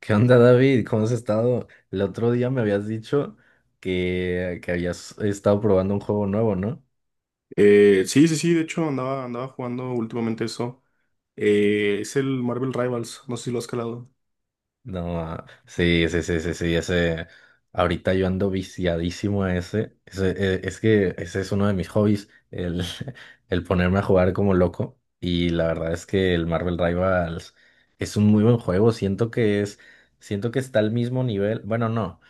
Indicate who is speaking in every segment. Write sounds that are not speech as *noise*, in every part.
Speaker 1: ¿Qué onda, David? ¿Cómo has estado? El otro día me habías dicho que habías estado probando un juego nuevo, ¿no?
Speaker 2: Sí, sí, sí, de hecho andaba jugando últimamente eso. Es el Marvel Rivals, no sé si lo has calado.
Speaker 1: No, ah, sí, sí, sí, sí, sí, ese. Ahorita yo ando viciadísimo a ese. Ese, es que ese es uno de mis hobbies, el, *laughs* el ponerme a jugar como loco. Y la verdad es que el Marvel Rivals es un muy buen juego. Siento que es, siento que está al mismo nivel. Bueno, no.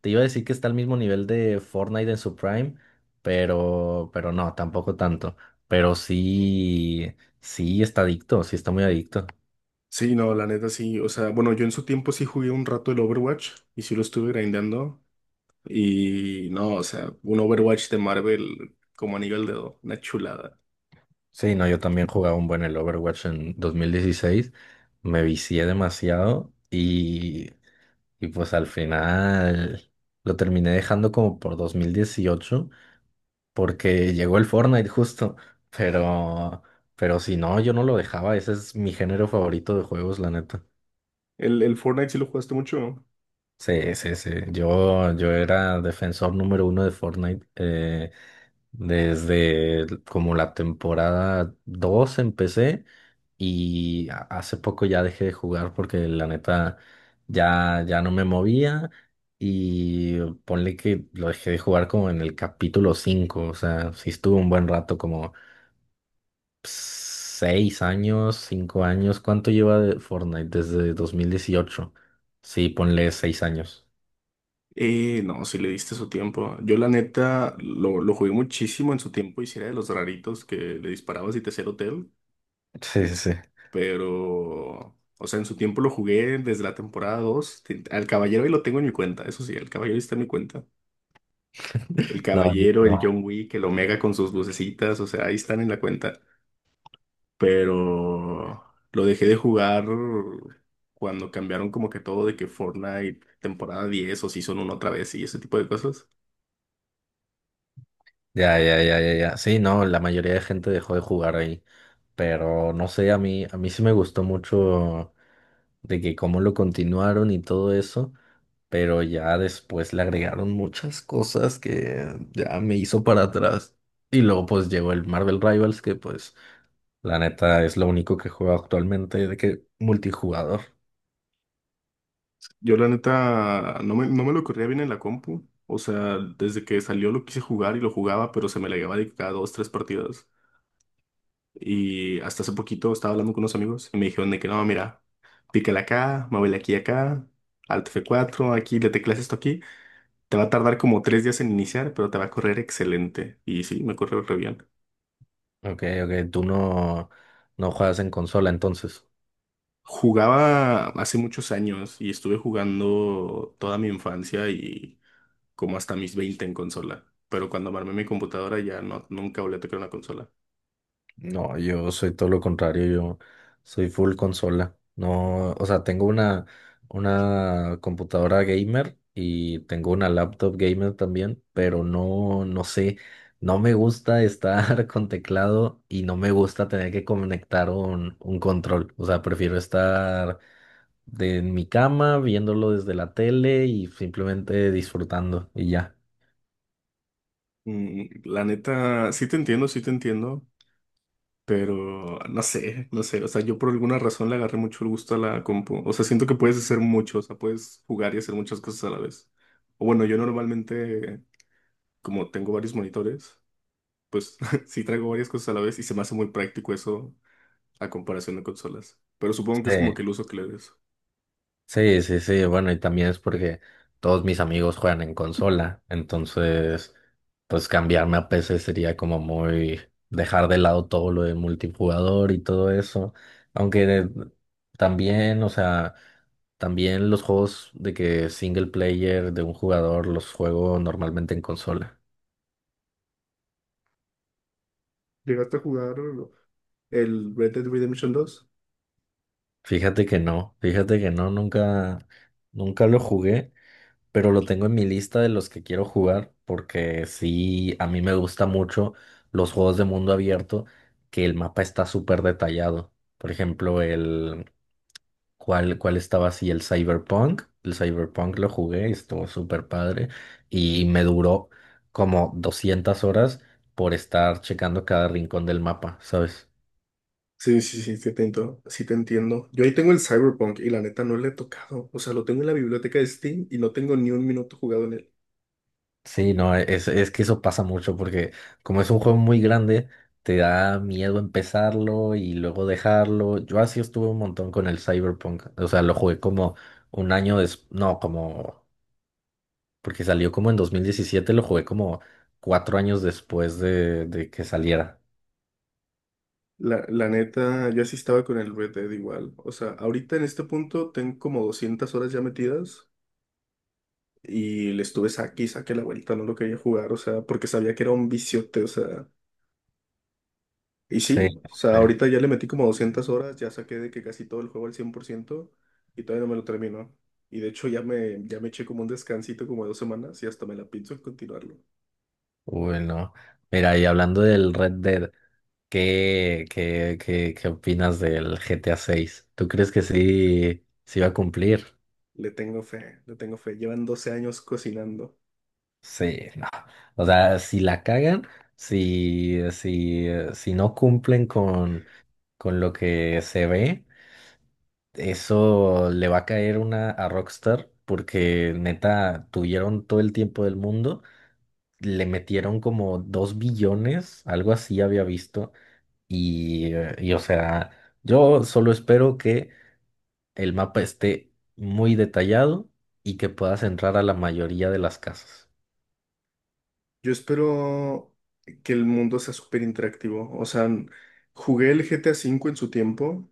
Speaker 1: Te iba a decir que está al mismo nivel de Fortnite en su prime, pero no, tampoco tanto. Pero sí, sí está adicto, sí está muy adicto.
Speaker 2: Sí, no, la neta sí. O sea, bueno, yo en su tiempo sí jugué un rato el Overwatch y sí lo estuve grindando. Y no, o sea, un Overwatch de Marvel como anillo al dedo, una chulada.
Speaker 1: Sí, no, yo también jugaba un buen el Overwatch en 2016, me vicié demasiado y pues al final lo terminé dejando como por 2018 porque llegó el Fortnite justo, pero, pero si no, yo no lo dejaba, ese es mi género favorito de juegos, la neta.
Speaker 2: El Fortnite sí lo jugaste mucho.
Speaker 1: Sí, sí, sí. Yo era defensor número uno de Fortnite. Como la temporada 2 empecé y hace poco ya dejé de jugar porque la neta ya no me movía y ponle que lo dejé de jugar como en el capítulo 5, o sea, sí estuvo un buen rato, como 6 años, 5 años. ¿Cuánto lleva de Fortnite desde 2018? Sí, ponle 6 años.
Speaker 2: No, sí le diste su tiempo. Yo la neta lo jugué muchísimo en su tiempo y sí era de los raritos que le disparabas y te hacía el hotel.
Speaker 1: Sí, sí.
Speaker 2: Pero, o sea, en su tiempo lo jugué desde la temporada dos. Al Caballero ahí lo tengo en mi cuenta, eso sí, el Caballero está en mi cuenta.
Speaker 1: *laughs* Sí.
Speaker 2: El
Speaker 1: No,
Speaker 2: Caballero, el
Speaker 1: no.
Speaker 2: John Wick, el Omega con sus lucecitas, o sea, ahí están en la cuenta. Pero lo dejé de jugar cuando cambiaron como que todo de que Fortnite temporada 10 o Season 1 otra vez y ese tipo de cosas.
Speaker 1: Ya, ya, ya, ya, ya. Sí, no, la mayoría de gente dejó de jugar ahí. Pero no sé, a mí sí me gustó mucho de que cómo lo continuaron y todo eso. Pero ya después le agregaron muchas cosas que ya me hizo para atrás. Y luego pues llegó el Marvel Rivals, que pues la neta es lo único que juego actualmente de que multijugador.
Speaker 2: Yo la neta no me lo corría bien en la compu. O sea, desde que salió lo quise jugar y lo jugaba, pero se me la llevaba de cada dos, tres partidas. Y hasta hace poquito estaba hablando con unos amigos y me dijeron de que no, mira, pícale acá, muévele aquí y acá, Alt F4 aquí le teclas esto aquí. Te va a tardar como 3 días en iniciar, pero te va a correr excelente. Y sí, me corre re bien.
Speaker 1: Ok, ok, tú no, no juegas en consola entonces.
Speaker 2: Jugaba hace muchos años y estuve jugando toda mi infancia y como hasta mis 20 en consola. Pero cuando armé mi computadora ya no, nunca volví a tocar una consola.
Speaker 1: No, yo soy todo lo contrario, yo soy full consola. No, o sea, tengo una computadora gamer y tengo una laptop gamer también, pero no, no sé, no me gusta estar *laughs* con teclado y no me gusta tener que conectar un control. O sea, prefiero estar en mi cama viéndolo desde la tele y simplemente disfrutando y ya.
Speaker 2: La neta, sí te entiendo, sí te entiendo. Pero no sé, no sé. O sea, yo por alguna razón le agarré mucho el gusto a la compu. O sea, siento que puedes hacer mucho, o sea, puedes jugar y hacer muchas cosas a la vez. O bueno, yo normalmente, como tengo varios monitores, pues *laughs* sí traigo varias cosas a la vez y se me hace muy práctico eso a comparación de consolas. Pero supongo que es
Speaker 1: Sí.
Speaker 2: como que el uso que le des.
Speaker 1: Sí, sí, sí, bueno, y también es porque todos mis amigos juegan en consola, entonces, pues cambiarme a PC sería como muy dejar de lado todo lo de multijugador y todo eso, aunque también, o sea, también los juegos de que single player de un jugador los juego normalmente en consola.
Speaker 2: ¿Llegaste a jugar el Red Dead Redemption 2?
Speaker 1: Fíjate que no, nunca, nunca lo jugué. Pero lo tengo en mi lista de los que quiero jugar porque sí, a mí me gusta mucho los juegos de mundo abierto que el mapa está súper detallado. Por ejemplo, el cuál estaba así el Cyberpunk lo jugué y estuvo súper padre y me duró como 200 horas por estar checando cada rincón del mapa, ¿sabes?
Speaker 2: Sí, sí, sí, sí te entiendo, sí te entiendo. Yo ahí tengo el Cyberpunk y la neta no le he tocado. O sea, lo tengo en la biblioteca de Steam y no tengo ni un minuto jugado en.
Speaker 1: Sí, no, es que eso pasa mucho porque como es un juego muy grande, te da miedo empezarlo y luego dejarlo. Yo así estuve un montón con el Cyberpunk. O sea, lo jugué como un año después, no, como, porque salió como en 2017 lo jugué como cuatro años después de que saliera.
Speaker 2: La neta, yo así estaba con el Red Dead igual. O sea, ahorita en este punto tengo como 200 horas ya metidas y le estuve saque y saque la vuelta, no lo quería jugar, o sea, porque sabía que era un viciote, o sea. Y
Speaker 1: Sí,
Speaker 2: sí, o sea,
Speaker 1: sí.
Speaker 2: ahorita ya le metí como 200 horas, ya saqué de que casi todo el juego al 100% y todavía no me lo termino. Y de hecho ya me eché como un descansito como de 2 semanas y hasta me la pienso en continuarlo.
Speaker 1: Bueno, mira, y hablando del Red Dead, qué opinas del GTA 6? ¿Tú crees que sí va a cumplir?
Speaker 2: Le tengo fe, le tengo fe. Llevan 12 años cocinando.
Speaker 1: Sí, no. O sea, si la cagan, si no cumplen con lo que se ve, eso le va a caer una a Rockstar porque neta tuvieron todo el tiempo del mundo, le metieron como dos billones, algo así había visto, y o sea, yo solo espero que el mapa esté muy detallado y que puedas entrar a la mayoría de las casas.
Speaker 2: Yo espero que el mundo sea súper interactivo. O sea, jugué el GTA 5 en su tiempo,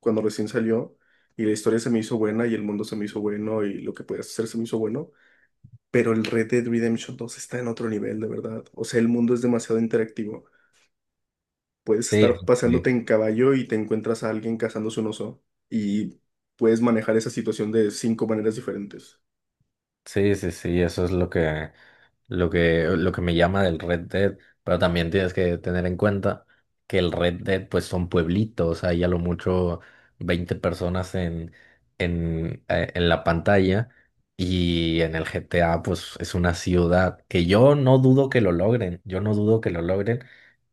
Speaker 2: cuando recién salió, y la historia se me hizo buena y el mundo se me hizo bueno y lo que podías hacer se me hizo bueno. Pero el Red Dead Redemption 2 está en otro nivel, de verdad. O sea, el mundo es demasiado interactivo. Puedes
Speaker 1: Sí,
Speaker 2: estar
Speaker 1: sí,
Speaker 2: paseándote
Speaker 1: sí.
Speaker 2: en caballo y te encuentras a alguien cazándose un oso y puedes manejar esa situación de cinco maneras diferentes.
Speaker 1: Sí, sí, sí, eso es lo que, lo que me llama del Red Dead, pero también tienes que tener en cuenta que el Red Dead pues son pueblitos, hay a lo mucho 20 personas en la pantalla y en el GTA pues es una ciudad que yo no dudo que lo logren, yo no dudo que lo logren,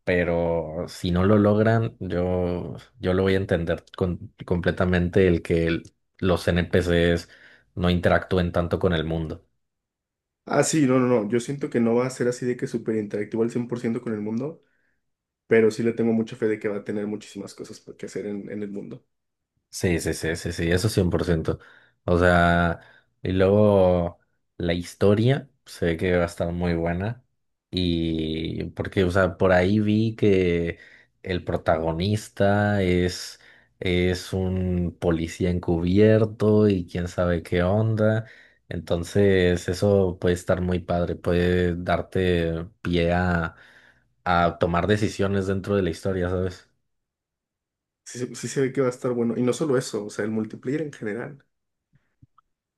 Speaker 1: pero si no lo logran yo, yo lo voy a entender completamente el que los NPCs no interactúen tanto con el mundo.
Speaker 2: Ah, sí, no, no, no. Yo siento que no va a ser así de que súper interactivo al 100% con el mundo, pero sí le tengo mucha fe de que va a tener muchísimas cosas que hacer en el mundo.
Speaker 1: Sí, sí, sí, sí, sí, eso 100%. O sea, y luego la historia se ve que va a estar muy buena. Y porque, o sea, por ahí vi que el protagonista es un policía encubierto y quién sabe qué onda. Entonces, eso puede estar muy padre, puede darte pie a tomar decisiones dentro de la historia, ¿sabes?
Speaker 2: Sí se ve que va a estar bueno. Y no solo eso, o sea, el multiplayer en general.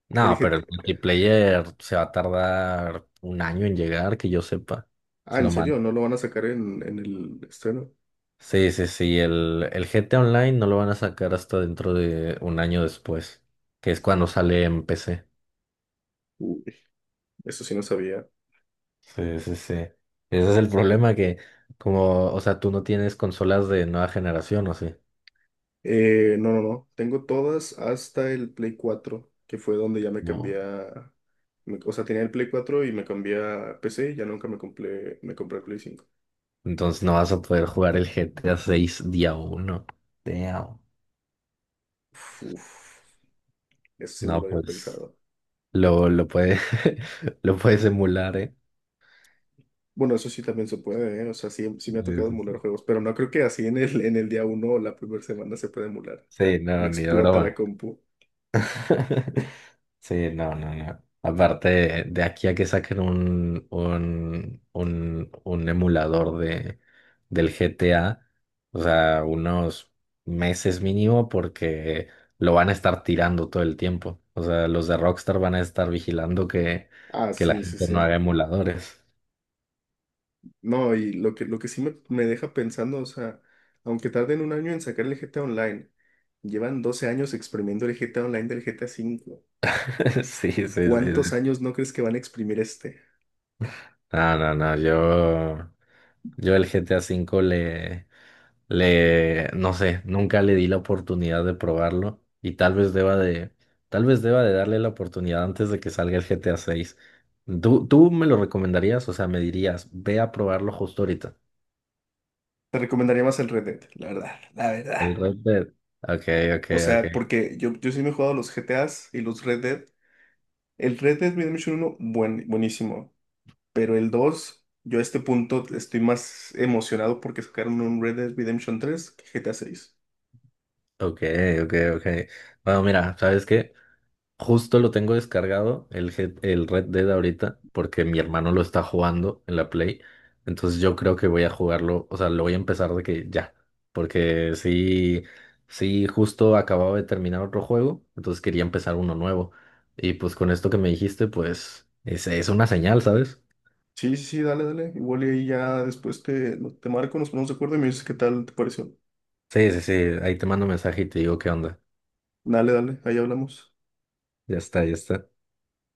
Speaker 1: No,
Speaker 2: El
Speaker 1: pero
Speaker 2: GT...
Speaker 1: el multiplayer se va a tardar un año en llegar, que yo sepa.
Speaker 2: Ah,
Speaker 1: Es
Speaker 2: ¿en
Speaker 1: lo malo.
Speaker 2: serio? ¿No lo van a sacar en el estreno?
Speaker 1: Sí, sí, sí. El GTA Online no lo van a sacar hasta dentro de un año después, que es cuando sale en PC.
Speaker 2: Uy, eso sí no sabía.
Speaker 1: Sí, sí, sí. Ese es el problema que, como, o sea, tú no tienes consolas de nueva generación, ¿o sí?
Speaker 2: No, no, no. Tengo todas hasta el Play 4 que fue donde ya me
Speaker 1: No.
Speaker 2: cambié a. O sea, tenía el Play 4 y me cambié a PC y ya nunca me compré el Play 5.
Speaker 1: Entonces no vas a poder jugar el G T a 6 día uno. Damn.
Speaker 2: Uf, uf, eso sí no lo
Speaker 1: No,
Speaker 2: había
Speaker 1: pues
Speaker 2: pensado.
Speaker 1: lo, lo puede, *laughs* lo puedes emular, ¿eh?
Speaker 2: Bueno, eso sí también se puede, ¿eh? O sea, sí, sí me ha
Speaker 1: Sí,
Speaker 2: tocado
Speaker 1: sí,
Speaker 2: emular
Speaker 1: sí.
Speaker 2: juegos, pero no creo que así en el día uno o la primera semana se pueda emular.
Speaker 1: Sí,
Speaker 2: Me
Speaker 1: no, ni de
Speaker 2: explota la
Speaker 1: broma.
Speaker 2: compu.
Speaker 1: *laughs* Sí, no, no, no. Aparte, de aquí a que saquen un emulador del GTA, o sea, unos meses mínimo, porque lo van a estar tirando todo el tiempo. O sea, los de Rockstar van a estar vigilando
Speaker 2: Ah,
Speaker 1: que la
Speaker 2: sí, sí,
Speaker 1: gente no haga
Speaker 2: sí.
Speaker 1: emuladores.
Speaker 2: No, y lo que sí me deja pensando, o sea, aunque tarden un año en sacar el GTA Online, llevan 12 años exprimiendo el GTA Online del GTA 5.
Speaker 1: *laughs* Sí, sí, sí,
Speaker 2: ¿Cuántos
Speaker 1: sí.
Speaker 2: años no crees que van a exprimir este?
Speaker 1: No, no, no, yo el GTA cinco no sé, nunca le di la oportunidad de probarlo y tal vez deba de, tal vez deba de darle la oportunidad antes de que salga el GTA 6. Tú me lo recomendarías? O sea, me dirías, ve a probarlo justo ahorita.
Speaker 2: Te recomendaría más el Red Dead, la verdad, la verdad.
Speaker 1: El Red Dead. Ok, ok,
Speaker 2: O sea,
Speaker 1: ok.
Speaker 2: porque yo sí me he jugado los GTAs y los Red Dead. El Red Dead Redemption uno buenísimo. Pero el 2 yo a este punto estoy más emocionado porque sacaron un Red Dead Redemption 3 que GTA 6.
Speaker 1: Ok, ok, ok. Bueno, mira, ¿sabes qué? Justo lo tengo descargado, el Red Dead ahorita, porque mi hermano lo está jugando en la Play. Entonces yo creo que voy a jugarlo, o sea, lo voy a empezar de que ya. Porque sí, sí, justo acababa de terminar otro juego, entonces quería empezar uno nuevo. Y pues con esto que me dijiste, pues es una señal, ¿sabes?
Speaker 2: Sí, sí, sí, dale, dale. Igual y ahí ya después te marco, nos ponemos de acuerdo y me dices qué tal te pareció.
Speaker 1: Sí, sí, sí, ahí te mando mensaje y te digo qué onda.
Speaker 2: Dale, dale, ahí hablamos.
Speaker 1: Ya está, ya está.